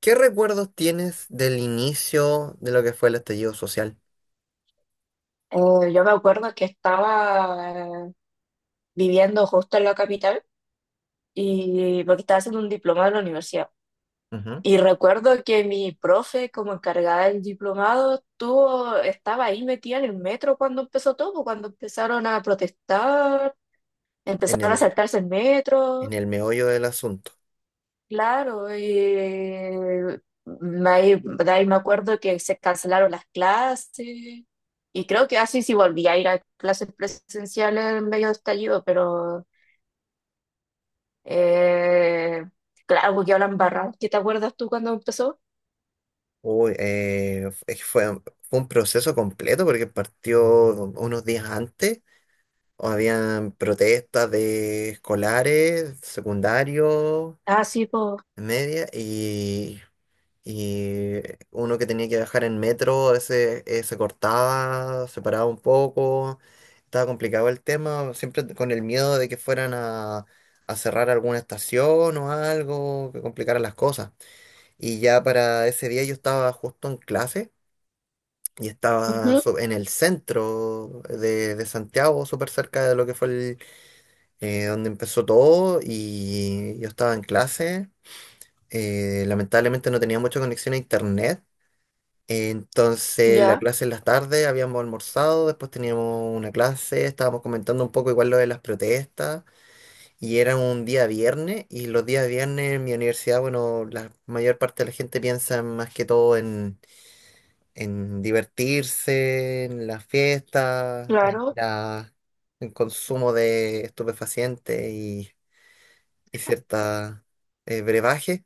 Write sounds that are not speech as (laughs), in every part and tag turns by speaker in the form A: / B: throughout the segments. A: ¿Qué recuerdos tienes del inicio de lo que fue el estallido social?
B: Yo me acuerdo que estaba eh, viviendo justo en la capital y porque estaba haciendo un diplomado en la universidad.
A: Ujú.
B: Y recuerdo que mi profe, como encargada del diplomado, estaba ahí metida en el metro cuando empezó todo, cuando empezaron a protestar,
A: En
B: empezaron a
A: el,
B: saltarse el
A: en
B: metro,
A: el meollo del asunto.
B: claro, y ahí, de ahí me acuerdo que se cancelaron las clases. Y creo que así sí volví a ir a clases presenciales en medio de estallido, pero Eh, claro, porque hablan barra. ¿Qué te acuerdas tú cuando empezó?
A: Es que fue un proceso completo porque partió unos días antes. Habían protestas de escolares, secundarios,
B: Ah, sí, pues.
A: media. Y Y uno que tenía que viajar en metro, se cortaba, se paraba un poco, estaba complicado el tema, siempre con el miedo de que fueran a cerrar alguna estación o algo, que complicaran las cosas. Y ya para ese día yo estaba justo en clase y en el centro de Santiago, súper cerca de lo que fue donde empezó todo, y yo estaba en clase. Lamentablemente no tenía mucha conexión a internet, entonces la
B: Ya,
A: clase en las tardes, habíamos almorzado, después teníamos una clase, estábamos comentando un poco igual lo de las protestas, y era un día viernes, y los días viernes en mi universidad, bueno, la mayor parte de la gente piensa más que todo en divertirse, en las fiestas, en
B: claro.
A: ir en consumo de estupefacientes y cierta brebaje.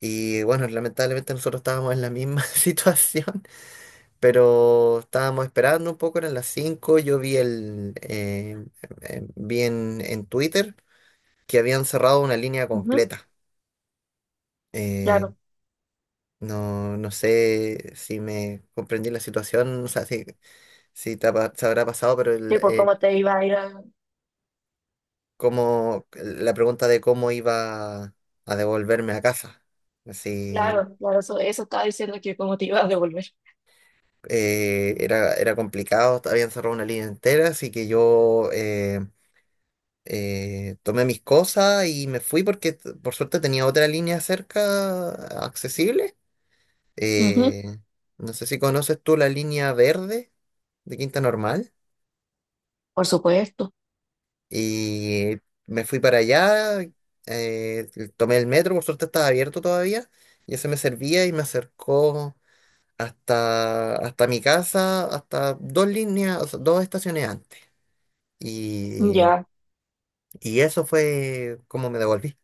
A: Y bueno, lamentablemente nosotros estábamos en la misma (laughs) situación, pero estábamos esperando un poco, eran las cinco. Yo vi el vi en Twitter que habían cerrado una línea
B: Ujú,
A: completa. Eh,
B: claro.
A: no sé si me comprendí la situación, o sea, si se habrá pasado, pero
B: Sí, pues cómo te iba a ir a...
A: la pregunta de cómo iba a devolverme a casa. Si
B: Claro, claro, eso estaba diciendo que cómo te iba a devolver.
A: era complicado, habían cerrado una línea entera, así que yo tomé mis cosas y me fui porque por suerte tenía otra línea cerca, accesible.
B: Ujú.
A: Eh, no sé si conoces tú la línea verde de Quinta Normal.
B: Por supuesto.
A: Y me fui para allá, eh, tomé el metro, por suerte estaba abierto todavía, y ese me servía y me acercó hasta, hasta mi casa, hasta dos líneas, o sea, dos estaciones antes. Y,
B: Ya.
A: y eso fue como me devolví.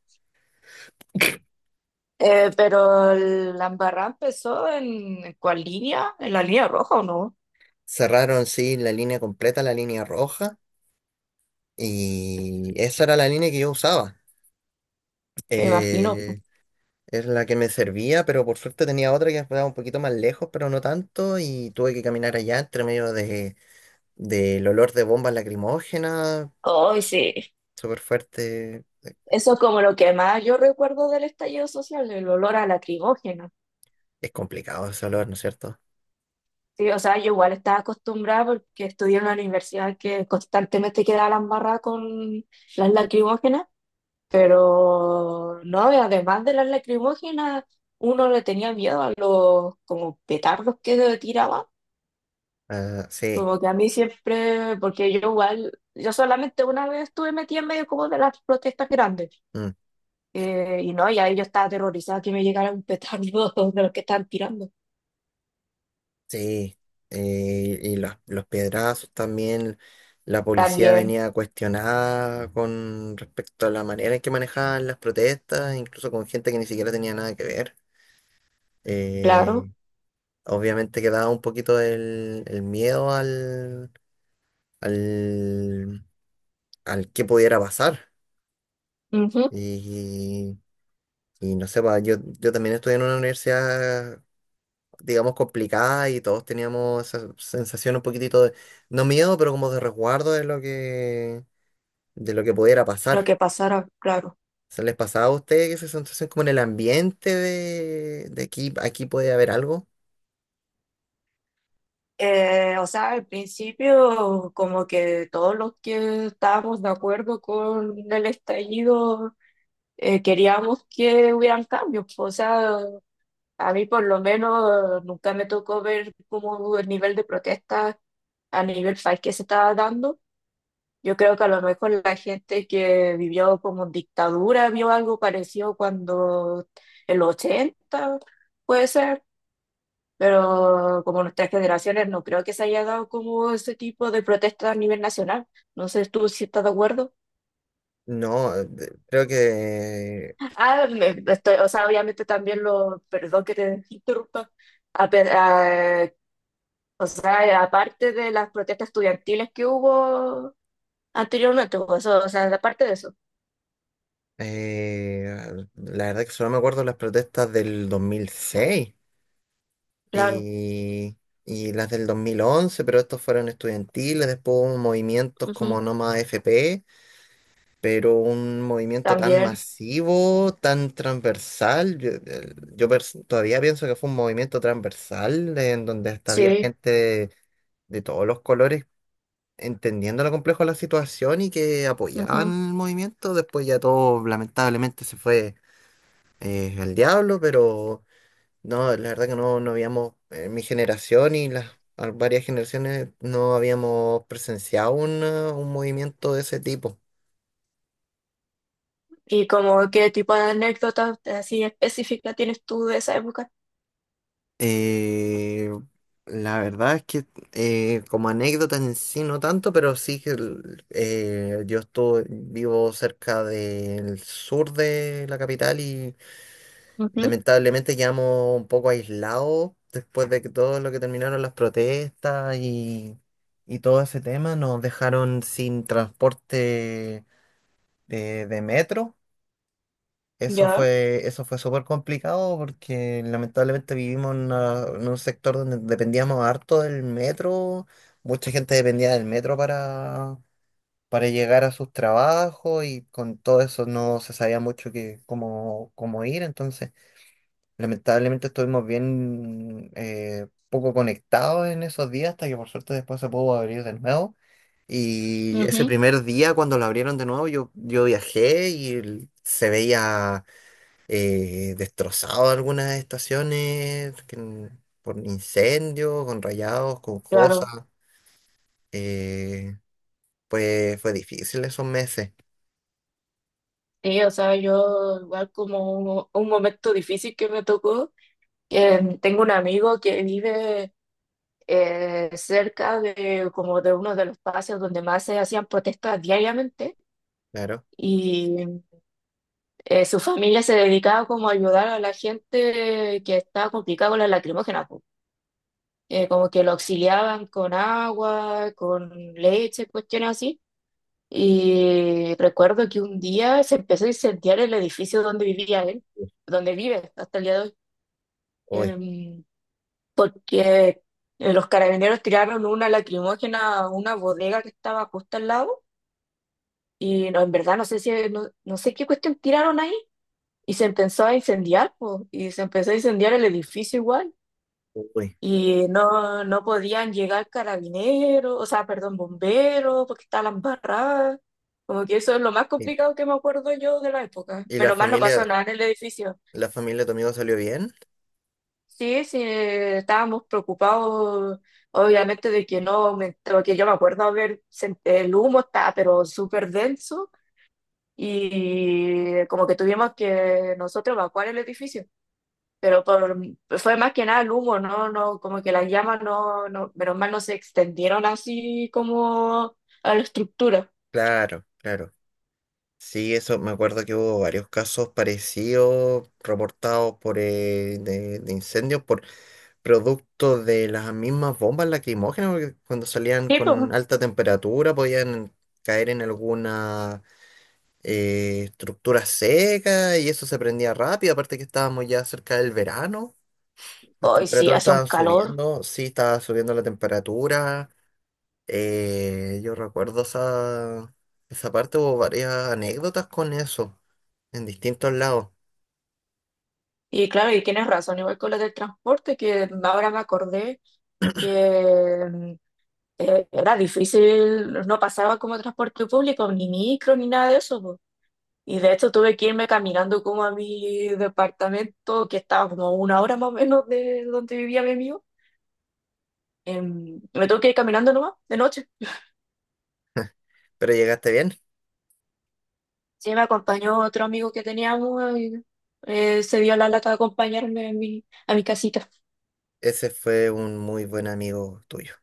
B: Pero la embarrada empezó ¿en cuál línea? En la línea roja, ¿o no?
A: Cerraron, sí, la línea completa, la línea roja, y esa era la línea que yo usaba.
B: Me imagino, pues.
A: Eh, es la que me servía, pero por suerte tenía otra que estaba un poquito más lejos, pero no tanto, y tuve que caminar allá entre medio de, del olor de bombas lacrimógenas,
B: Ay, sí.
A: súper fuerte.
B: Eso es como lo que más yo recuerdo del estallido social, el olor a la trigógena.
A: Es complicado ese olor, ¿no es cierto?
B: Sí, o sea, yo igual estaba acostumbrada porque estudié en una universidad que constantemente quedaba la embarrada con las lacrimógenas, pero no, y además de las lacrimógenas, uno le tenía miedo a los como petardos que tiraban,
A: Ah, sí.
B: como que a mí siempre, porque yo igual, yo solamente una vez estuve metida en medio como de las protestas grandes,
A: Mm.
B: y no, y ahí yo estaba aterrorizada que me llegara un petardo (laughs) de los que estaban tirando.
A: Sí, y los piedrazos también, la policía
B: También,
A: venía cuestionada con respecto a la manera en que manejaban las protestas, incluso con gente que ni siquiera tenía nada que ver.
B: claro,
A: Eh, Obviamente quedaba un poquito el miedo al, al que pudiera pasar.
B: ujú,
A: Y, y no sé, pa, yo también estudié en una universidad, digamos, complicada, y todos teníamos esa sensación un poquitito de, no miedo, pero como de resguardo de lo que pudiera
B: lo
A: pasar.
B: que pasara, claro.
A: ¿Se les pasaba a ustedes esa sensación como en el ambiente de aquí, aquí puede haber algo?
B: O sea, al principio como que todos los que estábamos de acuerdo con el estallido queríamos que hubieran cambios, pues. O sea, a mí por lo menos nunca me tocó ver como el nivel de protesta a nivel país que se estaba dando. Yo creo que a lo mejor la gente que vivió como en dictadura vio algo parecido cuando en los 80, puede ser, pero como nuestras generaciones no creo que se haya dado como ese tipo de protesta a nivel nacional. No sé tú si estás de acuerdo.
A: No, creo que
B: Ah, estoy, o sea, obviamente también lo, perdón que te interrumpa. A pe- a- o sea, aparte de las protestas estudiantiles que hubo anteriormente, o eso, o sea, aparte de eso,
A: eh, la verdad que solo me acuerdo de las protestas del 2006
B: claro,
A: y, y las del 2011, pero estos fueron estudiantiles. Después hubo movimientos como
B: ujú.
A: No Más AFP, pero un movimiento tan
B: También,
A: masivo, tan transversal, yo, el- yo pers- todavía pienso que fue un movimiento transversal en donde hasta había
B: sí.
A: gente de todos los colores entendiendo lo complejo de la situación y que apoyaban
B: Ujú.
A: el movimiento. Después ya todo lamentablemente se fue al diablo, pero no, la verdad que no, no habíamos, en mi generación y las varias generaciones no habíamos presenciado un movimiento de ese tipo.
B: Y como qué tipo de anécdotas así específicas tienes tú de esa época.
A: Eh, la verdad es que, como anécdota en sí no tanto, pero sí que yo estoy, vivo cerca del sur de la capital, y
B: Ujú.
A: lamentablemente quedamos un poco aislados después de que todo lo que terminaron las protestas y todo ese tema nos dejaron sin transporte de metro.
B: Ya.
A: Eso fue súper complicado, porque lamentablemente vivimos en un sector donde dependíamos harto del metro, mucha gente dependía del metro para llegar a sus trabajos, y con todo eso no se sabía mucho que, cómo, cómo ir, entonces lamentablemente estuvimos bien poco conectados en esos días hasta que por suerte después se pudo abrir de nuevo. Y ese
B: Ujú.
A: primer día cuando lo abrieron de nuevo yo, yo viajé y se veía destrozado algunas estaciones por incendios, con rayados, con
B: Claro.
A: cosas. eh, pues fue difícil esos meses,
B: Sí, o sea, yo igual como un momento difícil que me tocó, que tengo un amigo que vive cerca de como de uno de los espacios donde más se hacían protestas diariamente
A: claro.
B: y su familia se dedicaba como a ayudar a la gente que estaba complicada con las lacrimógena, po. Como que lo auxiliaban con agua, con leche, cuestiones así. Y recuerdo que un día se empezó a incendiar el edificio donde vivía él, donde vive hasta el día de hoy.
A: Uy,
B: em, Porque los carabineros tiraron una lacrimógena a una bodega que estaba justo al lado, y no, en verdad no sé si no, no sé qué cuestión tiraron ahí y se empezó a incendiar, po, y se empezó a incendiar el edificio igual.
A: uy.
B: Y no, no podían llegar carabineros, o sea, perdón, bomberos, porque estaban embarradas. Como que eso es lo más
A: ¿Y,
B: complicado que me acuerdo yo de la época.
A: y
B: Menos mal no pasó nada en el edificio.
A: la familia de tu amigo salió bien?
B: Sí, sí, estábamos preocupados, obviamente, de que no aumentó, que yo me acuerdo haber, el humo estaba pero súper denso, y como que tuvimos que nosotros evacuar el edificio, pero por- fue más que nada el humo, no, no, como que las llamas no, no, menos mal no se extendieron así como a la estructura.
A: Claro, claro. Sí, eso me acuerdo que hubo varios casos parecidos reportados por de incendios por producto de las mismas bombas lacrimógenas, porque cuando salían
B: Sí, pues.
A: con alta temperatura podían caer en alguna estructura seca y eso se prendía rápido, aparte que estábamos ya cerca del verano, las
B: Hoy sí,
A: temperaturas
B: hace un
A: estaban
B: calor.
A: subiendo, sí, estaba subiendo la temperatura. Yo recuerdo esa, esa parte, hubo varias anécdotas con eso en distintos lados.
B: Y claro, y tienes razón, igual con lo del transporte, que ahora me acordé que era difícil, no pasaba como transporte público, ni micro, ni nada de eso, po. Y de hecho tuve que irme caminando como a mi departamento, que estaba como a una hora más o menos de donde vivía mi amigo. Em, me tuve que ir caminando nomás, de noche.
A: Pero llegaste bien,
B: Sí, me acompañó otro amigo que teníamos y se dio la lata de acompañarme a a mi casita.
A: ese fue un muy buen amigo tuyo.